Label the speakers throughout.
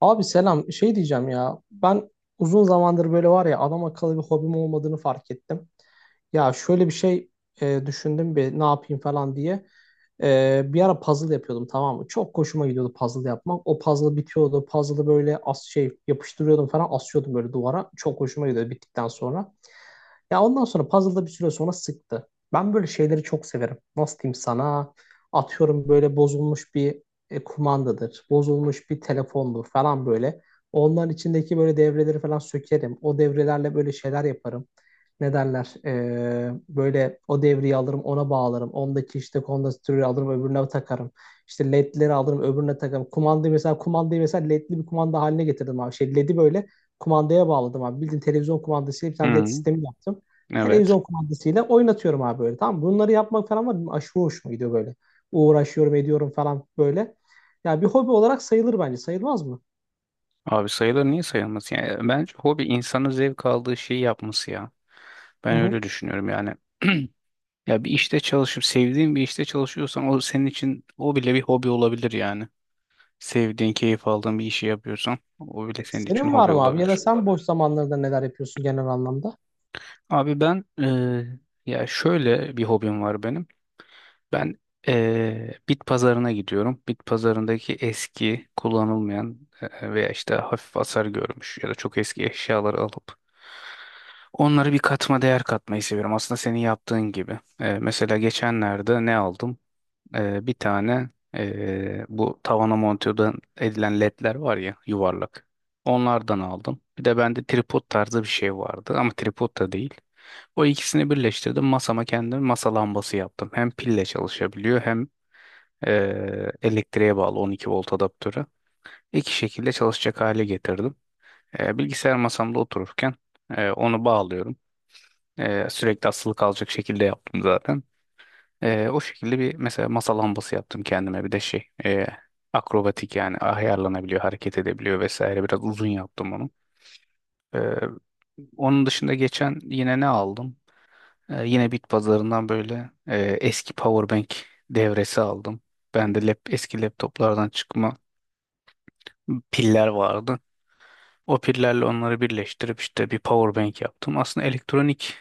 Speaker 1: Abi selam. Şey diyeceğim ya. Ben uzun zamandır böyle var ya adam akıllı bir hobim olmadığını fark ettim. Ya şöyle bir şey düşündüm bir ne yapayım falan diye. Bir ara puzzle yapıyordum, tamam mı? Çok hoşuma gidiyordu puzzle yapmak. O puzzle bitiyordu. Puzzle'ı böyle şey yapıştırıyordum falan, asıyordum böyle duvara. Çok hoşuma gidiyordu bittikten sonra. Ya ondan sonra puzzle'da bir süre sonra sıktı. Ben böyle şeyleri çok severim. Nasıl diyeyim sana? Atıyorum, böyle bozulmuş bir kumandadır, bozulmuş bir telefondur falan böyle. Onların içindeki böyle devreleri falan sökerim. O devrelerle böyle şeyler yaparım. Ne derler? Böyle o devreyi alırım, ona bağlarım. Ondaki işte kondansatörü alırım, öbürüne takarım. İşte ledleri alırım, öbürüne takarım. Kumandayı mesela ledli bir kumanda haline getirdim abi. Şey ledi böyle kumandaya bağladım abi. Bildiğin televizyon kumandasıyla bir
Speaker 2: Hı
Speaker 1: tane led
Speaker 2: hı,
Speaker 1: sistemi yaptım.
Speaker 2: evet.
Speaker 1: Televizyon kumandasıyla oynatıyorum abi böyle. Tamam mı? Bunları yapmak falan var. Benim Aşırı hoşuma gidiyor böyle. Uğraşıyorum, ediyorum falan böyle. Ya bir hobi olarak sayılır bence. Sayılmaz mı?
Speaker 2: Abi sayılar niye sayılmaz? Yani bence hobi insanın zevk aldığı şeyi yapması ya.
Speaker 1: Hı
Speaker 2: Ben
Speaker 1: hı.
Speaker 2: öyle düşünüyorum yani. Ya bir işte çalışıp sevdiğin bir işte çalışıyorsan o senin için o bile bir hobi olabilir yani. Sevdiğin, keyif aldığın bir işi yapıyorsan o bile senin için
Speaker 1: Senin var
Speaker 2: hobi
Speaker 1: mı abi? Ya
Speaker 2: olabilir.
Speaker 1: da sen boş zamanlarda neler yapıyorsun genel anlamda?
Speaker 2: Abi ben ya şöyle bir hobim var benim. Ben bit pazarına gidiyorum. Bit pazarındaki eski, kullanılmayan veya işte hafif hasar görmüş ya da çok eski eşyaları alıp onları bir katma değer katmayı seviyorum. Aslında senin yaptığın gibi. Mesela geçenlerde ne aldım? Bir tane bu tavana monte edilen ledler var ya yuvarlak. Onlardan aldım. Bir de bende tripod tarzı bir şey vardı ama tripod da değil. O ikisini birleştirdim. Masama kendim masa lambası yaptım. Hem pille çalışabiliyor hem elektriğe bağlı 12 volt adaptörü. İki şekilde çalışacak hale getirdim. Bilgisayar masamda otururken onu bağlıyorum. Sürekli asılı kalacak şekilde yaptım zaten. O şekilde bir mesela masa lambası yaptım kendime. Bir de akrobatik yani ayarlanabiliyor, hareket edebiliyor vesaire. Biraz uzun yaptım onu. Ee, onun dışında geçen yine ne aldım? Yine bit pazarından böyle eski powerbank devresi aldım. Bende eski laptoplardan çıkma piller vardı. O pillerle onları birleştirip işte bir powerbank yaptım. Aslında elektronik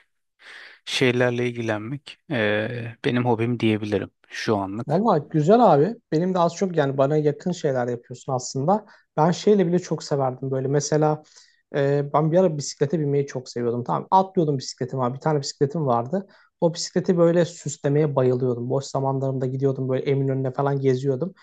Speaker 2: şeylerle ilgilenmek benim hobim diyebilirim şu anlık.
Speaker 1: Vallahi güzel abi. Benim de az çok yani bana yakın şeyler yapıyorsun aslında. Ben şeyle bile çok severdim böyle. Mesela ben bir ara bisiklete binmeyi çok seviyordum. Tamam, atlıyordum bisikletim abi. Bir tane bisikletim vardı. O bisikleti böyle süslemeye bayılıyordum. Boş zamanlarımda gidiyordum böyle Eminönü'ne falan, geziyordum.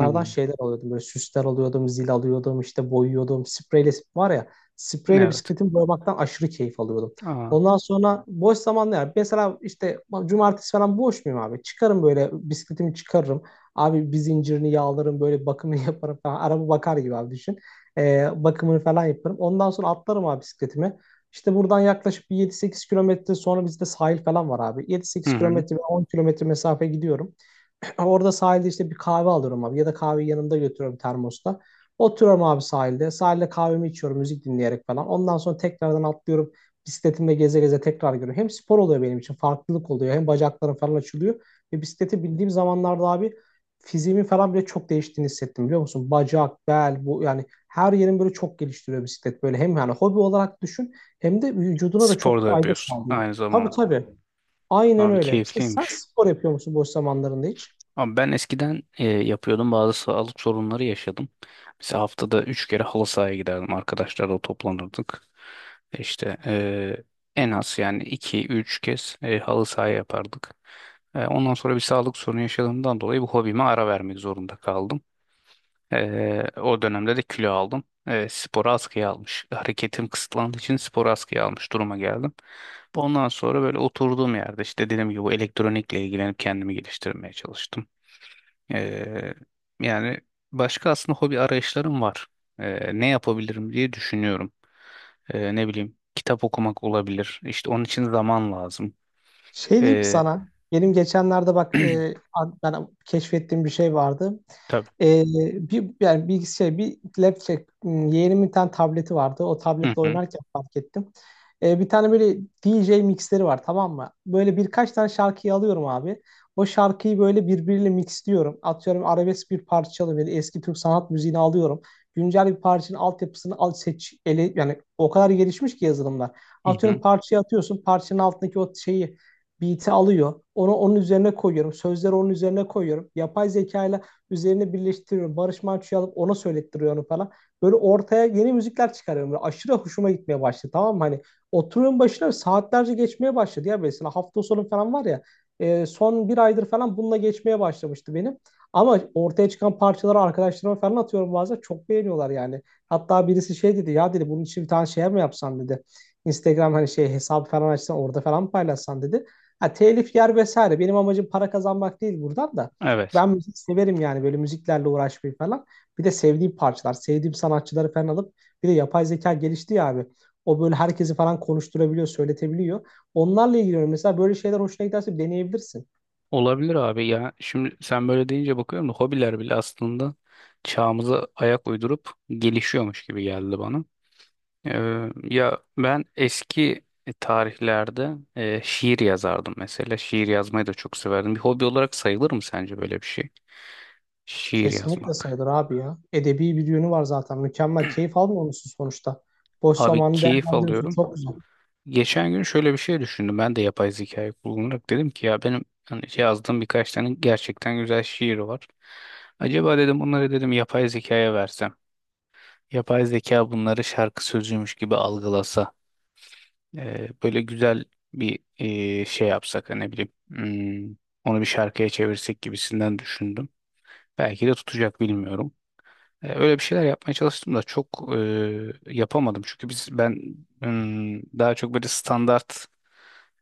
Speaker 2: Hı.
Speaker 1: şeyler alıyordum. Böyle süsler alıyordum, zil alıyordum, işte boyuyordum. Spreyle var ya, spreyle
Speaker 2: Evet.
Speaker 1: bisikletimi boyamaktan aşırı keyif alıyordum.
Speaker 2: Aa,
Speaker 1: Ondan sonra boş zamanlar yani mesela işte cumartesi falan boş muyum abi? Çıkarım böyle, bisikletimi çıkarırım. Abi bir zincirini yağlarım, böyle bakımını yaparım falan. Araba bakar gibi abi düşün. Bakımını falan yaparım. Ondan sonra atlarım abi bisikletimi. İşte buradan yaklaşık bir 7-8 kilometre sonra bizde sahil falan var abi. Yedi
Speaker 2: hı
Speaker 1: sekiz
Speaker 2: hı.
Speaker 1: kilometre 10 kilometre mesafe gidiyorum. Orada sahilde işte bir kahve alıyorum abi. Ya da kahveyi yanımda götürüyorum termosta. Oturuyorum abi sahilde. Sahilde kahvemi içiyorum, müzik dinleyerek falan. Ondan sonra tekrardan atlıyorum. Bisikletimle geze geze tekrar görüyorum. Hem spor oluyor benim için. Farklılık oluyor. Hem bacaklarım falan açılıyor. Ve bisikleti bildiğim zamanlarda abi, fiziğimin falan bile çok değiştiğini hissettim, biliyor musun? Bacak, bel, bu yani her yerin böyle çok geliştiriyor bisiklet. Böyle hem yani hobi olarak düşün, hem de vücuduna da
Speaker 2: Spor
Speaker 1: çok
Speaker 2: da
Speaker 1: fayda
Speaker 2: yapıyorsun
Speaker 1: sağlıyor.
Speaker 2: aynı
Speaker 1: Tabii,
Speaker 2: zamanda.
Speaker 1: tabii. Aynen
Speaker 2: Abi
Speaker 1: öyle. Sen
Speaker 2: keyifliymiş.
Speaker 1: spor yapıyor musun boş zamanlarında hiç?
Speaker 2: Abi ben eskiden yapıyordum bazı sağlık sorunları yaşadım. Mesela haftada 3 kere halı sahaya giderdim. Arkadaşlarla toplanırdık. İşte en az yani iki üç kez halı sahaya yapardık. Ondan sonra bir sağlık sorunu yaşadığımdan dolayı bu hobime ara vermek zorunda kaldım. O dönemde de kilo aldım. Sporu askıya almış. Hareketim kısıtlandığı için sporu askıya almış duruma geldim. Ondan sonra böyle oturduğum yerde işte dediğim gibi bu elektronikle ilgilenip kendimi geliştirmeye çalıştım. Ee, yani başka aslında hobi arayışlarım var. Ne yapabilirim diye düşünüyorum. Ne bileyim kitap okumak olabilir. İşte onun için zaman lazım.
Speaker 1: Şey diyeyim
Speaker 2: Ee,
Speaker 1: sana. Benim geçenlerde bak ben keşfettiğim bir şey vardı.
Speaker 2: tabii.
Speaker 1: E, bir yani bir şey bir laptop m, yeğenimin bir tane tableti vardı. O
Speaker 2: Hı
Speaker 1: tabletle
Speaker 2: hı.
Speaker 1: oynarken fark ettim. Bir tane böyle DJ mixleri var, tamam mı? Böyle birkaç tane şarkıyı alıyorum abi. O şarkıyı böyle birbiriyle mixliyorum. Atıyorum, arabesk bir parça çalıyor. Böyle eski Türk sanat müziğini alıyorum. Güncel bir parçanın altyapısını al, seç, ele, yani o kadar gelişmiş ki yazılımlar.
Speaker 2: Hı hı.
Speaker 1: Atıyorum, parçayı atıyorsun. Parçanın altındaki o şeyi, beat'i alıyor. Onu onun üzerine koyuyorum. Sözleri onun üzerine koyuyorum. Yapay zeka ile üzerine birleştiriyorum. Barış Manço'yu alıp ona söylettiriyor onu falan. Böyle ortaya yeni müzikler çıkarıyorum. Böyle aşırı hoşuma gitmeye başladı. Tamam mı? Hani oturuyorum başına, saatlerce geçmeye başladı ya, mesela hafta sonu falan var ya. Son bir aydır falan bununla geçmeye başlamıştı benim. Ama ortaya çıkan parçaları arkadaşlarıma falan atıyorum bazen. Çok beğeniyorlar yani. Hatta birisi şey dedi ya, dedi bunun için bir tane şey mi yapsam dedi. Instagram hani şey hesabı falan açsan, orada falan paylaşsan dedi. Ha, telif yer vesaire. Benim amacım para kazanmak değil buradan da.
Speaker 2: Evet.
Speaker 1: Ben müzik severim yani, böyle müziklerle uğraşmayı falan. Bir de sevdiğim parçalar, sevdiğim sanatçıları falan alıp, bir de yapay zeka gelişti ya abi. O böyle herkesi falan konuşturabiliyor, söyletebiliyor. Onlarla ilgileniyorum. Mesela böyle şeyler hoşuna giderse deneyebilirsin.
Speaker 2: Olabilir abi ya. Şimdi sen böyle deyince bakıyorum da hobiler bile aslında çağımıza ayak uydurup gelişiyormuş gibi geldi bana. Ee, ya ben eski tarihlerde şiir yazardım mesela. Şiir yazmayı da çok severdim. Bir hobi olarak sayılır mı sence böyle bir şey? Şiir
Speaker 1: Kesinlikle
Speaker 2: yazmak.
Speaker 1: sayılır abi ya. Edebi bir yönü var zaten. Mükemmel. Keyif almıyor musun sonuçta? Boş
Speaker 2: Abi
Speaker 1: zamanı
Speaker 2: keyif
Speaker 1: değerlendiriyorsun.
Speaker 2: alıyorum.
Speaker 1: Çok güzel.
Speaker 2: Geçen gün şöyle bir şey düşündüm. Ben de yapay zekayı kullanarak dedim ki ya benim hani yazdığım birkaç tane gerçekten güzel şiir var. Acaba dedim bunları dedim yapay zekaya versem. Yapay zeka bunları şarkı sözüymüş gibi algılasa. Böyle güzel bir şey yapsak hani ne bileyim. Onu bir şarkıya çevirsek gibisinden düşündüm. Belki de tutacak bilmiyorum. Öyle bir şeyler yapmaya çalıştım da çok yapamadım. Çünkü ben daha çok böyle standart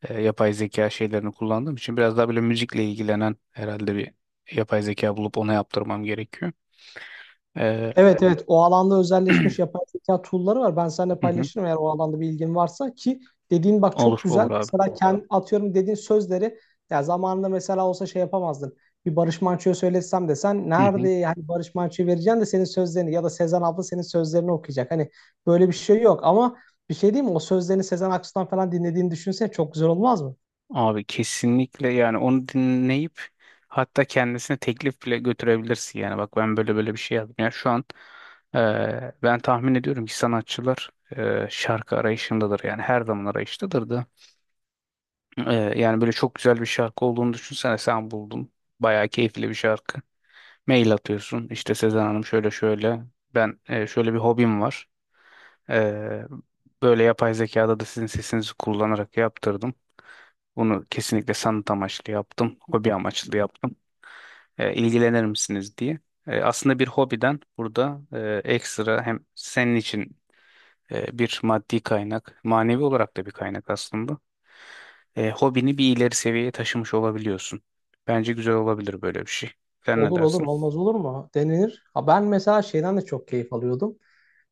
Speaker 2: yapay zeka şeylerini kullandığım için biraz daha böyle müzikle ilgilenen herhalde bir yapay zeka bulup ona yaptırmam gerekiyor. E,
Speaker 1: Evet, evet. O alanda özelleşmiş yapay zeka tool'ları var. Ben seninle
Speaker 2: hı hı.
Speaker 1: paylaşırım, eğer o alanda bir ilgin varsa ki dediğin bak çok
Speaker 2: Olur olur
Speaker 1: güzel.
Speaker 2: abi.
Speaker 1: Mesela kendi, atıyorum, dediğin sözleri ya zamanında mesela olsa şey yapamazdın. Bir Barış Manço'ya söylesem de sen
Speaker 2: Hı
Speaker 1: nerede
Speaker 2: hı.
Speaker 1: yani, Barış Manço'yu vereceksin de senin sözlerini, ya da Sezen abla senin sözlerini okuyacak. Hani böyle bir şey yok ama bir şey değil mi? O sözlerini Sezen Aksu'dan falan dinlediğini düşünsene, çok güzel olmaz mı?
Speaker 2: Abi kesinlikle yani onu dinleyip hatta kendisine teklif bile götürebilirsin yani bak ben böyle böyle bir şey yazdım. Yani şu an e, ben tahmin ediyorum ki sanatçılar şarkı arayışındadır yani her zaman arayıştadır da. Yani böyle çok güzel bir şarkı olduğunu düşünsene sen buldun. Bayağı keyifli bir şarkı. Mail atıyorsun. İşte Sezen Hanım şöyle şöyle. Ben şöyle bir hobim var. E, böyle yapay zekada da sizin sesinizi kullanarak yaptırdım. Bunu kesinlikle sanat amaçlı yaptım. Hobi amaçlı yaptım. E, ilgilenir misiniz diye. Aslında bir hobiden burada ekstra hem senin için bir maddi kaynak, manevi olarak da bir kaynak aslında. Hobini bir ileri seviyeye taşımış olabiliyorsun. Bence güzel olabilir böyle bir şey. Sen ne
Speaker 1: Olur olur,
Speaker 2: dersin?
Speaker 1: olmaz olur mu? Denilir. Ha, ben mesela şeyden de çok keyif alıyordum.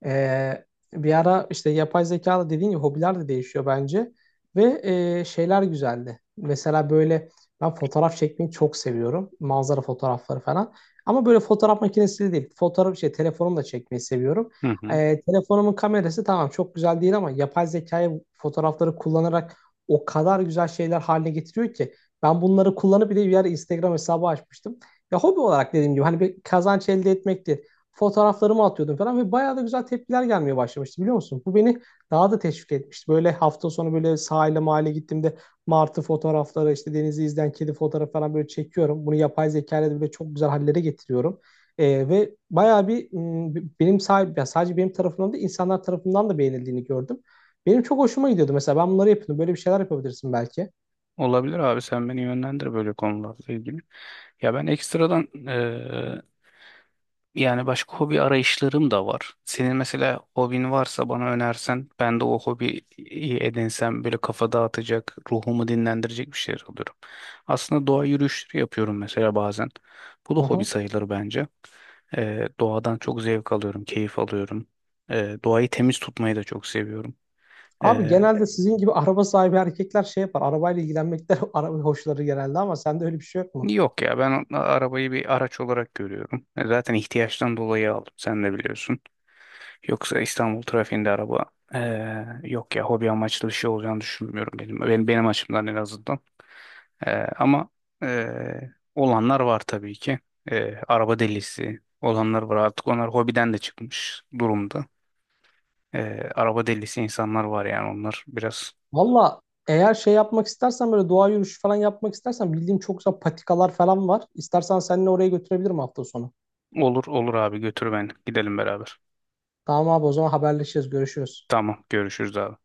Speaker 1: Ee, Bir ara işte yapay zeka da dediğin gibi hobiler de değişiyor bence. Ve şeyler güzeldi. Mesela böyle ben fotoğraf çekmeyi çok seviyorum. Manzara fotoğrafları falan. Ama böyle fotoğraf makinesiyle değil. Fotoğraf, şey, telefonumla çekmeyi seviyorum.
Speaker 2: Hı hı.
Speaker 1: Telefonumun kamerası tamam çok güzel değil ama yapay zekayı, fotoğrafları kullanarak o kadar güzel şeyler haline getiriyor ki. Ben bunları kullanıp bir de bir ara Instagram hesabı açmıştım. Ya hobi olarak dediğim gibi, hani bir kazanç elde etmekti, fotoğraflarımı atıyordum falan ve bayağı da güzel tepkiler gelmeye başlamıştı, biliyor musun? Bu beni daha da teşvik etmişti. Böyle hafta sonu böyle sahile, mahalle gittiğimde martı fotoğrafları, işte denizi izleyen kedi fotoğrafı falan böyle çekiyorum. Bunu yapay zeka ile de böyle çok güzel hallere getiriyorum. Ve bayağı bir m, benim sahip, ya sadece benim tarafımdan da, insanlar tarafından da beğenildiğini gördüm. Benim çok hoşuma gidiyordu mesela. Ben bunları yapıyordum. Böyle bir şeyler yapabilirsin belki.
Speaker 2: Olabilir abi sen beni yönlendir böyle konularla ilgili. Ya ben ekstradan yani başka hobi arayışlarım da var. Senin mesela hobin varsa bana önersen ben de o hobiyi edinsem böyle kafa dağıtacak, ruhumu dinlendirecek bir şeyler alıyorum. Aslında doğa yürüyüşleri yapıyorum mesela bazen. Bu da
Speaker 1: Hı
Speaker 2: hobi
Speaker 1: hı.
Speaker 2: sayılır bence. Doğadan çok zevk alıyorum, keyif alıyorum. Doğayı temiz tutmayı da çok seviyorum.
Speaker 1: Abi genelde sizin gibi araba sahibi erkekler şey yapar. Arabayla ilgilenmekten araba hoşları genelde, ama sende öyle bir şey yok mu?
Speaker 2: Yok ya ben arabayı bir araç olarak görüyorum. Zaten ihtiyaçtan dolayı aldım sen de biliyorsun. Yoksa İstanbul trafiğinde araba yok ya hobi amaçlı bir şey olacağını düşünmüyorum benim açımdan en azından. Ama olanlar var tabii ki. Araba delisi olanlar var artık onlar hobiden de çıkmış durumda. Araba delisi insanlar var yani onlar biraz.
Speaker 1: Valla eğer şey yapmak istersen, böyle doğa yürüyüşü falan yapmak istersen, bildiğim çok güzel patikalar falan var. İstersen seninle oraya götürebilirim hafta sonu.
Speaker 2: Olur olur abi, götür beni gidelim beraber.
Speaker 1: Tamam abi, o zaman haberleşeceğiz. Görüşürüz.
Speaker 2: Tamam görüşürüz abi.